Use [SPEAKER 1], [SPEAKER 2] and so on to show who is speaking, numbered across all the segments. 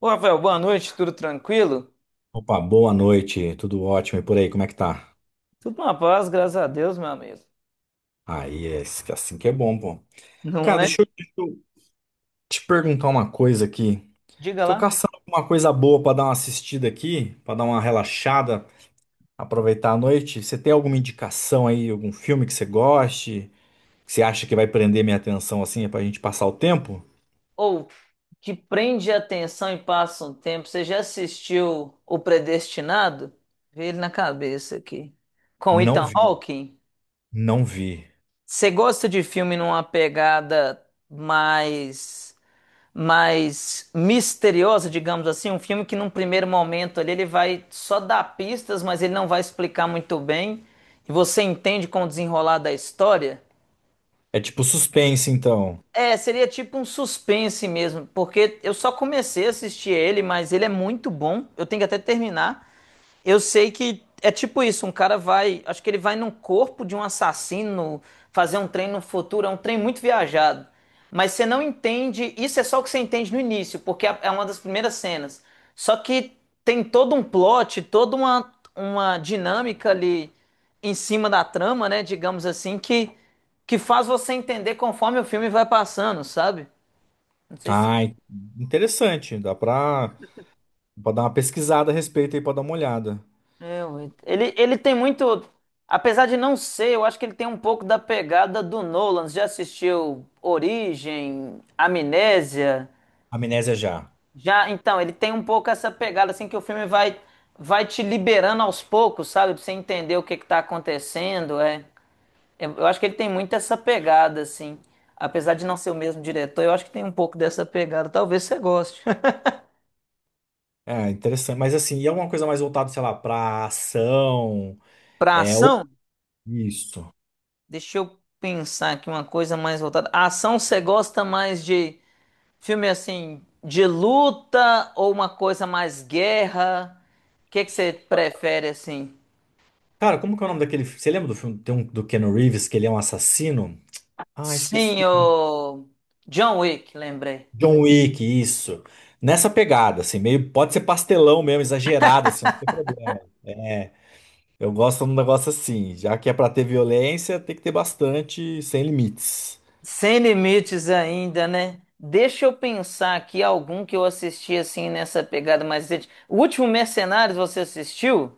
[SPEAKER 1] Ô, Rafael, boa noite, tudo tranquilo?
[SPEAKER 2] Opa, boa noite, tudo ótimo e por aí, como é que tá?
[SPEAKER 1] Tudo na paz, graças a Deus, meu amigo.
[SPEAKER 2] Aí, é assim que é bom, pô.
[SPEAKER 1] Não
[SPEAKER 2] Cara,
[SPEAKER 1] é?
[SPEAKER 2] deixa eu te perguntar uma coisa aqui.
[SPEAKER 1] Diga
[SPEAKER 2] Tô
[SPEAKER 1] lá.
[SPEAKER 2] caçando alguma coisa boa pra dar uma assistida aqui, pra dar uma relaxada, aproveitar a noite. Você tem alguma indicação aí, algum filme que você goste, que você acha que vai prender minha atenção assim, pra gente passar o tempo?
[SPEAKER 1] Ou, que prende a atenção e passa um tempo, você já assistiu O Predestinado? Vê ele na cabeça aqui. Com
[SPEAKER 2] Não
[SPEAKER 1] Ethan
[SPEAKER 2] vi,
[SPEAKER 1] Hawke?
[SPEAKER 2] não vi.
[SPEAKER 1] Você gosta de filme numa pegada mais. mais misteriosa, digamos assim, um filme que num primeiro momento ali ele vai só dar pistas, mas ele não vai explicar muito bem, e você entende com o desenrolar da história.
[SPEAKER 2] É tipo suspense, então.
[SPEAKER 1] É, seria tipo um suspense mesmo, porque eu só comecei a assistir ele, mas ele é muito bom. Eu tenho que até terminar. Eu sei que é tipo isso, um cara vai, acho que ele vai no corpo de um assassino fazer um trem no futuro, é um trem muito viajado. Mas você não entende, isso é só o que você entende no início, porque é uma das primeiras cenas. Só que tem todo um plot, toda uma dinâmica ali em cima da trama, né, digamos assim, que faz você entender conforme o filme vai passando, sabe? Não sei se.
[SPEAKER 2] Ah, in- Interessante, pra dar uma pesquisada a respeito aí, pra dar uma olhada.
[SPEAKER 1] É, ué. Ele tem muito. Apesar de não ser, eu acho que ele tem um pouco da pegada do Nolan. Você já assistiu Origem, Amnésia?
[SPEAKER 2] Amnésia já.
[SPEAKER 1] Já, então, ele tem um pouco essa pegada, assim, que o filme vai te liberando aos poucos, sabe? Pra você entender o que que tá acontecendo. É, eu acho que ele tem muito essa pegada, assim. Apesar de não ser o mesmo diretor, eu acho que tem um pouco dessa pegada. Talvez você goste.
[SPEAKER 2] É, interessante. Mas assim, e é alguma coisa mais voltada, sei lá, pra ação?
[SPEAKER 1] Pra
[SPEAKER 2] É, ou
[SPEAKER 1] ação,
[SPEAKER 2] isso.
[SPEAKER 1] deixa eu pensar aqui uma coisa mais voltada. A ação você gosta mais de. Filme assim de luta ou uma coisa mais guerra? O que é que você prefere assim?
[SPEAKER 2] Cara, como que é o nome daquele. Você lembra do filme tem um, do Keanu Reeves, que ele é um assassino? Ah, esqueci
[SPEAKER 1] Sim,
[SPEAKER 2] o nome.
[SPEAKER 1] o John Wick, lembrei.
[SPEAKER 2] John Wick, isso. Nessa pegada, assim, meio. Pode ser pastelão mesmo, exagerado, assim, não tem problema. É, eu gosto de um negócio assim. Já que é pra ter violência, tem que ter bastante, sem limites.
[SPEAKER 1] Sem limites ainda, né? Deixa eu pensar aqui algum que eu assisti assim nessa pegada mais recente. O último Mercenários você assistiu?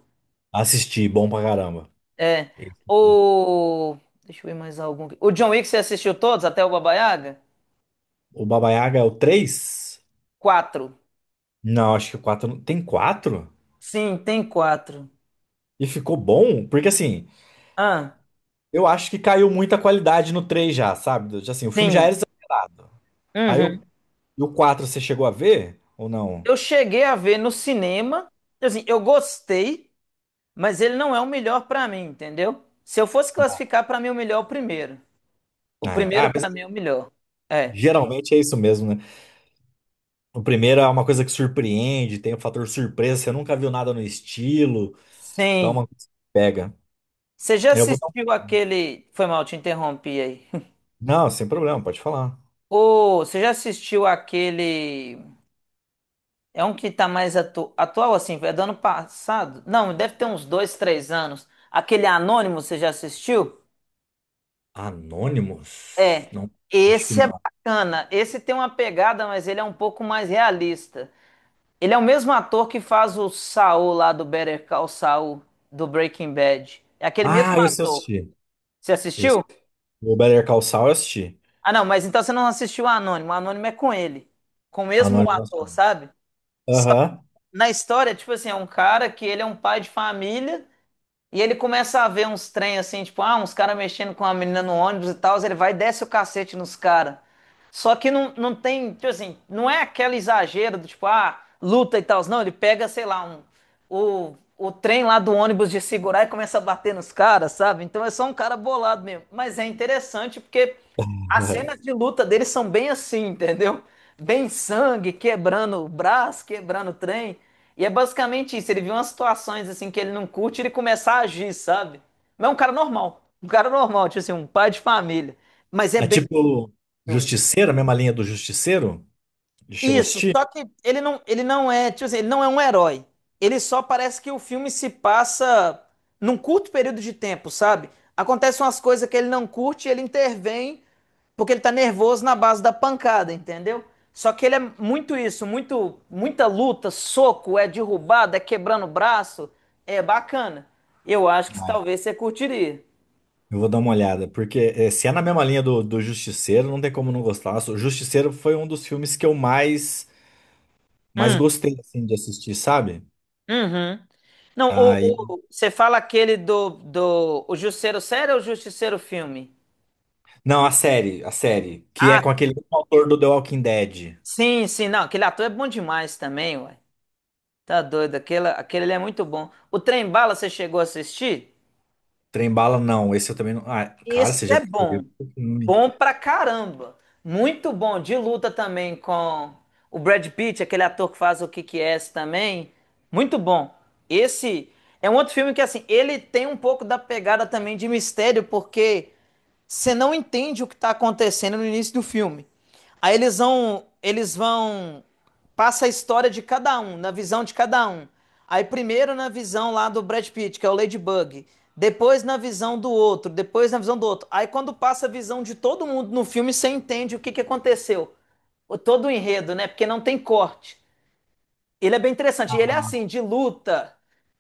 [SPEAKER 2] Assisti, bom pra caramba.
[SPEAKER 1] É.
[SPEAKER 2] Esse.
[SPEAKER 1] O. Deixa eu ver mais algum. O John Wick você assistiu todos até o Baba Yaga?
[SPEAKER 2] O Baba Yaga é o 3?
[SPEAKER 1] Quatro.
[SPEAKER 2] Não, acho que o 4. Tem 4?
[SPEAKER 1] Sim, tem quatro.
[SPEAKER 2] E ficou bom, porque assim,
[SPEAKER 1] Ah,
[SPEAKER 2] eu acho que caiu muita qualidade no 3 já, sabe? Já, assim, o filme já era
[SPEAKER 1] sim.
[SPEAKER 2] exagerado. Aí o,
[SPEAKER 1] Uhum.
[SPEAKER 2] e o 4 você chegou a ver ou não?
[SPEAKER 1] Eu cheguei a ver no cinema, assim, eu gostei, mas ele não é o melhor pra mim, entendeu? Se eu fosse classificar pra mim o melhor é o primeiro. O primeiro
[SPEAKER 2] Mas
[SPEAKER 1] pra mim é o melhor. É.
[SPEAKER 2] geralmente é isso mesmo, né? O primeiro é uma coisa que surpreende, tem o fator surpresa, você nunca viu nada no estilo, então é uma
[SPEAKER 1] Sim.
[SPEAKER 2] coisa que pega.
[SPEAKER 1] Você já
[SPEAKER 2] Eu vou dar um...
[SPEAKER 1] assistiu aquele, foi mal, te interrompi aí.
[SPEAKER 2] Não, sem problema, pode falar.
[SPEAKER 1] Ô, você já assistiu aquele, é um que tá mais atu... atual assim, é do ano passado? Não, deve ter uns dois, três anos. Aquele Anônimo, você já assistiu?
[SPEAKER 2] Anonymous?
[SPEAKER 1] É,
[SPEAKER 2] Não, acho que
[SPEAKER 1] esse é
[SPEAKER 2] não.
[SPEAKER 1] bacana. Esse tem uma pegada, mas ele é um pouco mais realista. Ele é o mesmo ator que faz o Saul lá do Better Call Saul do Breaking Bad. É aquele
[SPEAKER 2] Ah,
[SPEAKER 1] mesmo
[SPEAKER 2] esse eu
[SPEAKER 1] ator.
[SPEAKER 2] assisti.
[SPEAKER 1] Você
[SPEAKER 2] Esse.
[SPEAKER 1] assistiu?
[SPEAKER 2] O Better Call Saul eu assisti.
[SPEAKER 1] Ah, não, mas então você não assistiu o Anônimo. O Anônimo é com ele, com o mesmo
[SPEAKER 2] Anonymous.
[SPEAKER 1] ator, sabe? Só-
[SPEAKER 2] Aham.
[SPEAKER 1] Na história, tipo assim, é um cara que ele é um pai de família. E ele começa a ver uns trem assim, tipo, ah, uns caras mexendo com uma menina no ônibus e tal, ele vai e desce o cacete nos caras. Só que não, não tem, tipo assim, não é aquele exagero do tipo, ah, luta e tal. Não, ele pega, sei lá, o trem lá do ônibus de segurar e começa a bater nos caras, sabe? Então é só um cara bolado mesmo. Mas é interessante porque as cenas de luta dele são bem assim, entendeu? Bem sangue, quebrando o braço, quebrando o trem. E é basicamente isso, ele viu umas situações assim que ele não curte e ele começar a agir, sabe? Mas é um cara normal, tipo assim, um pai de família. Mas é
[SPEAKER 2] É
[SPEAKER 1] bem.
[SPEAKER 2] tipo Justiceiro, a mesma linha do Justiceiro? Já chegou a
[SPEAKER 1] Isso,
[SPEAKER 2] assistir?
[SPEAKER 1] só que ele não é, tipo assim, ele não é um herói. Ele só parece que o filme se passa num curto período de tempo, sabe? Acontecem umas coisas que ele não curte e ele intervém porque ele tá nervoso na base da pancada, entendeu? Só que ele é muito isso, muito, muita luta, soco, é derrubado, é quebrando o braço, é bacana. Eu acho que talvez você curtiria.
[SPEAKER 2] Eu vou dar uma olhada, porque eh, se é na mesma linha do Justiceiro, não tem como não gostar. Nossa, o Justiceiro foi um dos filmes que mais
[SPEAKER 1] Hum,
[SPEAKER 2] gostei assim, de assistir, sabe?
[SPEAKER 1] uhum. Não, o,
[SPEAKER 2] Aí...
[SPEAKER 1] você fala aquele do o Justiceiro Sério ou o Justiceiro Filme?
[SPEAKER 2] Não, a série, que é
[SPEAKER 1] Ah,
[SPEAKER 2] com aquele
[SPEAKER 1] sim.
[SPEAKER 2] mesmo autor do The Walking Dead.
[SPEAKER 1] Sim, sim, não, aquele ator é bom demais também, ué. Tá doido, aquele, aquele ali é muito bom. O Trem Bala, você chegou a assistir?
[SPEAKER 2] Trem bala, não. Esse eu também não. Ah, cara,
[SPEAKER 1] Esse
[SPEAKER 2] você já
[SPEAKER 1] é bom.
[SPEAKER 2] percebeu? Hum.
[SPEAKER 1] Bom pra caramba. Muito bom. De luta também com o Brad Pitt, aquele ator que faz o Kick Ass também. Muito bom. Esse é um outro filme que, assim, ele tem um pouco da pegada também de mistério, porque você não entende o que está acontecendo no início do filme. Aí eles vão, passa a história de cada um, na visão de cada um. Aí primeiro na visão lá do Brad Pitt, que é o Ladybug. Depois na visão do outro, depois na visão do outro. Aí quando passa a visão de todo mundo no filme, você entende o que aconteceu. O, todo o enredo, né? Porque não tem corte. Ele é bem interessante. E ele é assim, de luta,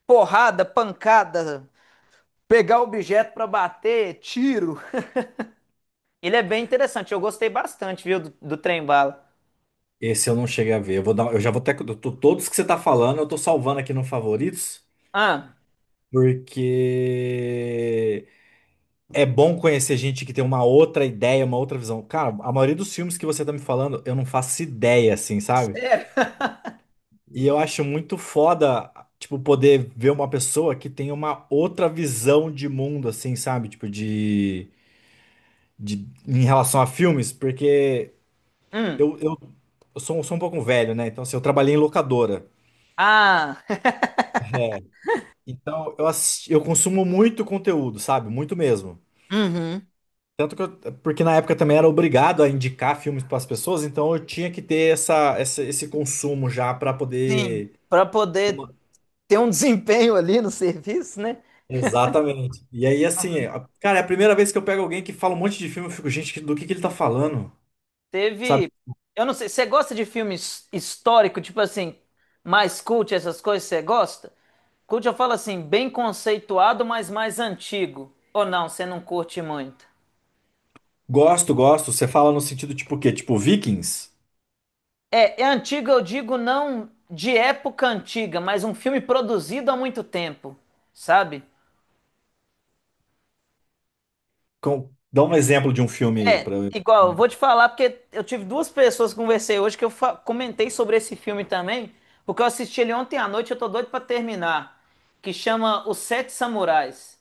[SPEAKER 1] porrada, pancada, pegar objeto pra bater, tiro. Ele é bem interessante. Eu gostei bastante, viu, do Trem Bala.
[SPEAKER 2] Esse eu não cheguei a ver. Eu vou dar, eu já vou até todos que você tá falando, eu tô salvando aqui no favoritos.
[SPEAKER 1] Ah,
[SPEAKER 2] Porque é bom conhecer gente que tem uma outra ideia, uma outra visão. Cara, a maioria dos filmes que você tá me falando, eu não faço ideia, assim, sabe?
[SPEAKER 1] é,
[SPEAKER 2] E eu acho muito foda, tipo, poder ver uma pessoa que tem uma outra visão de mundo, assim, sabe? Tipo, de em relação a filmes, porque
[SPEAKER 1] hum,
[SPEAKER 2] eu, eu, eu sou um pouco velho, né? Então, assim, eu trabalhei em locadora.
[SPEAKER 1] ah,
[SPEAKER 2] É. Então, eu, eu consumo muito conteúdo, sabe? Muito mesmo.
[SPEAKER 1] uhum,
[SPEAKER 2] Tanto que eu, porque na época também era obrigado a indicar filmes para as pessoas, então eu tinha que ter esse consumo já para
[SPEAKER 1] sim.
[SPEAKER 2] poder.
[SPEAKER 1] Pra poder ter um desempenho ali no serviço, né?
[SPEAKER 2] Exatamente. E aí, assim, a- cara, é a primeira vez que eu pego alguém que fala um monte de filme, eu fico, gente, que- do que ele tá falando? Sabe?
[SPEAKER 1] Teve. Eu não sei, você gosta de filme histórico, tipo assim, mais cult, essas coisas, você gosta? Cult eu falo assim, bem conceituado, mas mais antigo. Ou não, você não curte muito?
[SPEAKER 2] Gosto, gosto. Você fala no sentido tipo o quê? Tipo Vikings?
[SPEAKER 1] É, é antigo, eu digo não de época antiga, mas um filme produzido há muito tempo, sabe?
[SPEAKER 2] Com- dá um exemplo de um filme aí
[SPEAKER 1] É,
[SPEAKER 2] para eu.
[SPEAKER 1] igual, eu vou te falar porque eu tive duas pessoas que conversei hoje que eu comentei sobre esse filme também, porque eu assisti ele ontem à noite, eu tô doido pra terminar, que chama Os Sete Samurais.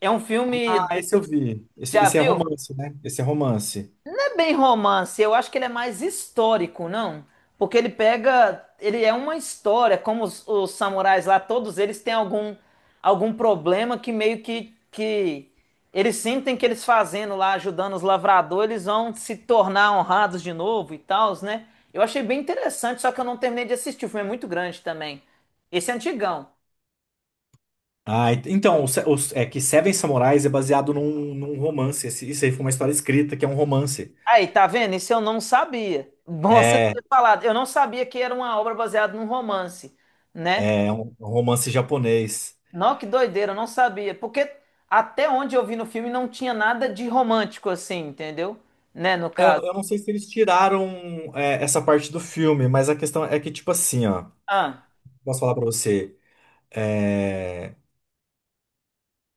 [SPEAKER 1] É um filme,
[SPEAKER 2] Ah, esse eu vi.
[SPEAKER 1] já
[SPEAKER 2] Esse é
[SPEAKER 1] viu?
[SPEAKER 2] romance, né? Esse é romance.
[SPEAKER 1] É bem romance, eu acho que ele é mais histórico, não? Porque ele pega, ele é uma história, como os samurais lá, todos eles têm algum problema que meio que eles sentem que eles fazendo lá, ajudando os lavradores, eles vão se tornar honrados de novo e tal, né? Eu achei bem interessante, só que eu não terminei de assistir, o filme é muito grande também. Esse é antigão.
[SPEAKER 2] Ah, ent- então, o Se- o- é que Seven Samurais é baseado num romance. Esse- isso aí foi uma história escrita, que é um romance.
[SPEAKER 1] Aí, tá vendo? Isso eu não sabia. Bom você
[SPEAKER 2] É,
[SPEAKER 1] ter falado. Eu não sabia que era uma obra baseada num romance, né?
[SPEAKER 2] é um romance japonês.
[SPEAKER 1] Não, que doideira, eu não sabia. Porque até onde eu vi no filme não tinha nada de romântico assim, entendeu? Né, no
[SPEAKER 2] É,
[SPEAKER 1] caso.
[SPEAKER 2] eu não sei se eles tiraram é, essa parte do filme, mas a questão é que, tipo assim, ó,
[SPEAKER 1] Ah,
[SPEAKER 2] posso falar pra você, é,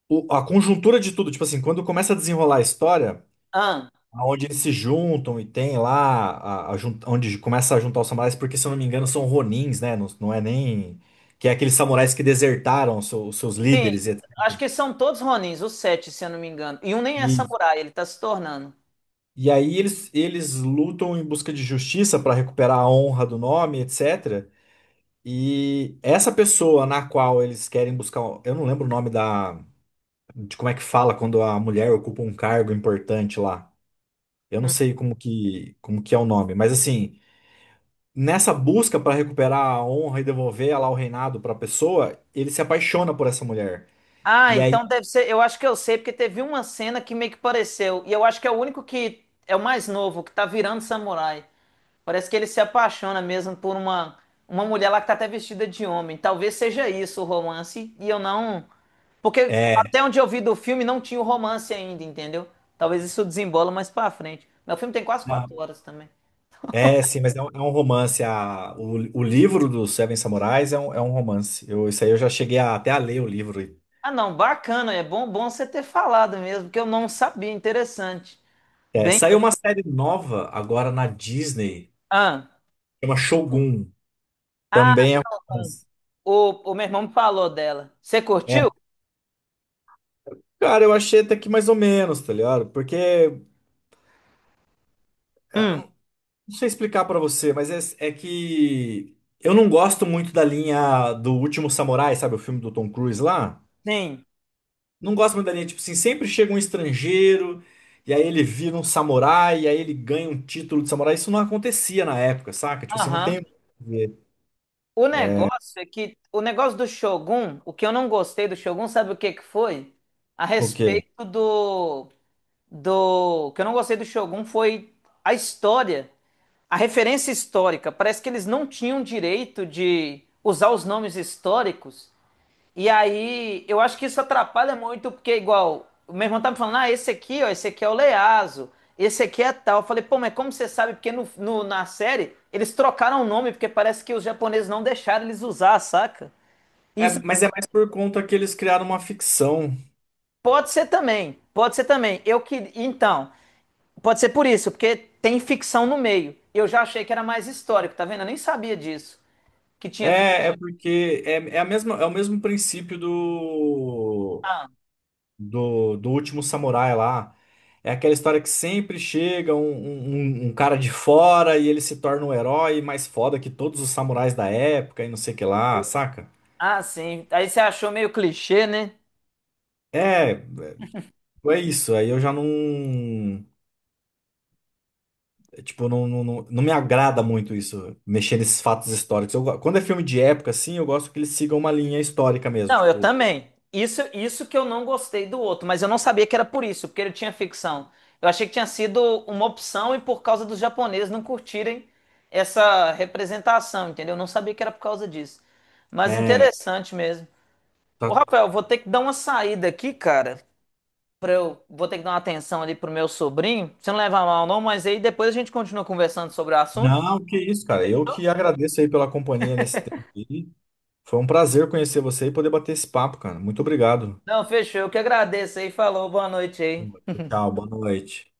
[SPEAKER 2] o- a conjuntura de tudo, tipo assim, quando começa a desenrolar a história,
[SPEAKER 1] ah.
[SPEAKER 2] onde eles se juntam e tem lá, a jun- onde começa a juntar os samurais, porque se eu não me engano são ronins, né? Não, não é nem. Que é aqueles samurais que desertaram os seus
[SPEAKER 1] Sim,
[SPEAKER 2] líderes e etcétera.
[SPEAKER 1] acho que são todos Ronins, os sete, se eu não me engano. E um nem é
[SPEAKER 2] e
[SPEAKER 1] samurai, ele tá se tornando.
[SPEAKER 2] e aí eles lutam em busca de justiça para recuperar a honra do nome, etc. E essa pessoa na qual eles querem buscar, um, eu não lembro o nome da, de como é que fala quando a mulher ocupa um cargo importante lá. Eu não sei como que é o nome, mas assim, nessa busca para recuperar a honra e devolver lá o reinado para a pessoa, ele se apaixona por essa mulher.
[SPEAKER 1] Ah,
[SPEAKER 2] E aí
[SPEAKER 1] então deve ser. Eu acho que eu sei, porque teve uma cena que meio que pareceu. E eu acho que é o único que é o mais novo, que tá virando samurai. Parece que ele se apaixona mesmo por uma mulher lá que tá até vestida de homem. Talvez seja isso o romance. E eu não. Porque
[SPEAKER 2] é,
[SPEAKER 1] até onde eu vi do filme não tinha o romance ainda, entendeu? Talvez isso desembola mais pra frente. Mas o filme tem quase
[SPEAKER 2] na-
[SPEAKER 1] quatro horas também.
[SPEAKER 2] é sim, mas é um romance. A, o livro do Seven Samurais é um romance. Eu, isso aí eu já cheguei a- até a ler o livro.
[SPEAKER 1] Ah, não, bacana. É bom, bom você ter falado mesmo, porque eu não sabia. Interessante.
[SPEAKER 2] É,
[SPEAKER 1] Bem.
[SPEAKER 2] saiu uma série nova agora na Disney.
[SPEAKER 1] Ah.
[SPEAKER 2] Chama Shogun.
[SPEAKER 1] Ah,
[SPEAKER 2] Também é
[SPEAKER 1] Stockholm.
[SPEAKER 2] romance.
[SPEAKER 1] O meu irmão me falou dela. Você curtiu?
[SPEAKER 2] É. Cara, eu achei até que mais ou menos, tá ligado? Porque, ah, eu
[SPEAKER 1] Hum,
[SPEAKER 2] não sei explicar pra você, mas é, é que eu não gosto muito da linha do Último Samurai, sabe? O filme do Tom Cruise lá.
[SPEAKER 1] Sim.
[SPEAKER 2] Não gosto muito da linha, tipo assim, sempre chega um estrangeiro, e aí ele vira um samurai, e aí ele ganha um título de samurai. Isso não acontecia na época, saca? Tipo assim, não
[SPEAKER 1] Aham.
[SPEAKER 2] tem
[SPEAKER 1] O negócio é que o negócio do Shogun, o que eu não gostei do Shogun, sabe o que que foi? A
[SPEAKER 2] o quê?
[SPEAKER 1] respeito do o que eu não gostei do Shogun foi a história, a referência histórica. Parece que eles não tinham direito de usar os nomes históricos. E aí, eu acho que isso atrapalha muito, porque igual, o meu irmão tá me falando, ah, esse aqui, ó, esse aqui é o Leazo, esse aqui é tal. Eu falei, pô, mas como você sabe? Porque na série, eles trocaram o nome, porque parece que os japoneses não deixaram eles usar, saca?
[SPEAKER 2] É,
[SPEAKER 1] Isso
[SPEAKER 2] mas é mais por conta que eles criaram uma ficção.
[SPEAKER 1] pode ser também, pode ser também. Eu que, então, pode ser por isso, porque tem ficção no meio. Eu já achei que era mais histórico, tá vendo? Eu nem sabia disso, que tinha ficção.
[SPEAKER 2] É, é porque é, é a mesma, é o mesmo princípio
[SPEAKER 1] Ah,
[SPEAKER 2] do último samurai lá. É aquela história que sempre chega um cara de fora e ele se torna o herói mais foda que todos os samurais da época e não sei o que lá, saca?
[SPEAKER 1] ah, sim. Aí você achou meio clichê, né?
[SPEAKER 2] É, é isso. Aí eu já não. Tipo, não me agrada muito isso, mexer nesses fatos históricos. Eu go- quando é filme de época, assim, eu gosto que eles sigam uma linha histórica mesmo.
[SPEAKER 1] Não, eu
[SPEAKER 2] Tipo,
[SPEAKER 1] também. Isso que eu não gostei do outro, mas eu não sabia que era por isso, porque ele tinha ficção. Eu achei que tinha sido uma opção e por causa dos japoneses não curtirem essa representação, entendeu? Eu não sabia que era por causa disso. Mas
[SPEAKER 2] é.
[SPEAKER 1] interessante mesmo. Ô, Rafael, vou ter que dar uma saída aqui, cara, pra eu vou ter que dar uma atenção ali pro meu sobrinho. Você não leva mal não, mas aí depois a gente continua conversando sobre o assunto.
[SPEAKER 2] Não, que isso, cara. Eu
[SPEAKER 1] Fechou?
[SPEAKER 2] que agradeço aí pela companhia nesse tempo aí. Foi um prazer conhecer você e poder bater esse papo, cara. Muito obrigado.
[SPEAKER 1] Não, fechou. Eu que agradeço aí. Falou, boa noite aí.
[SPEAKER 2] Tchau, boa noite.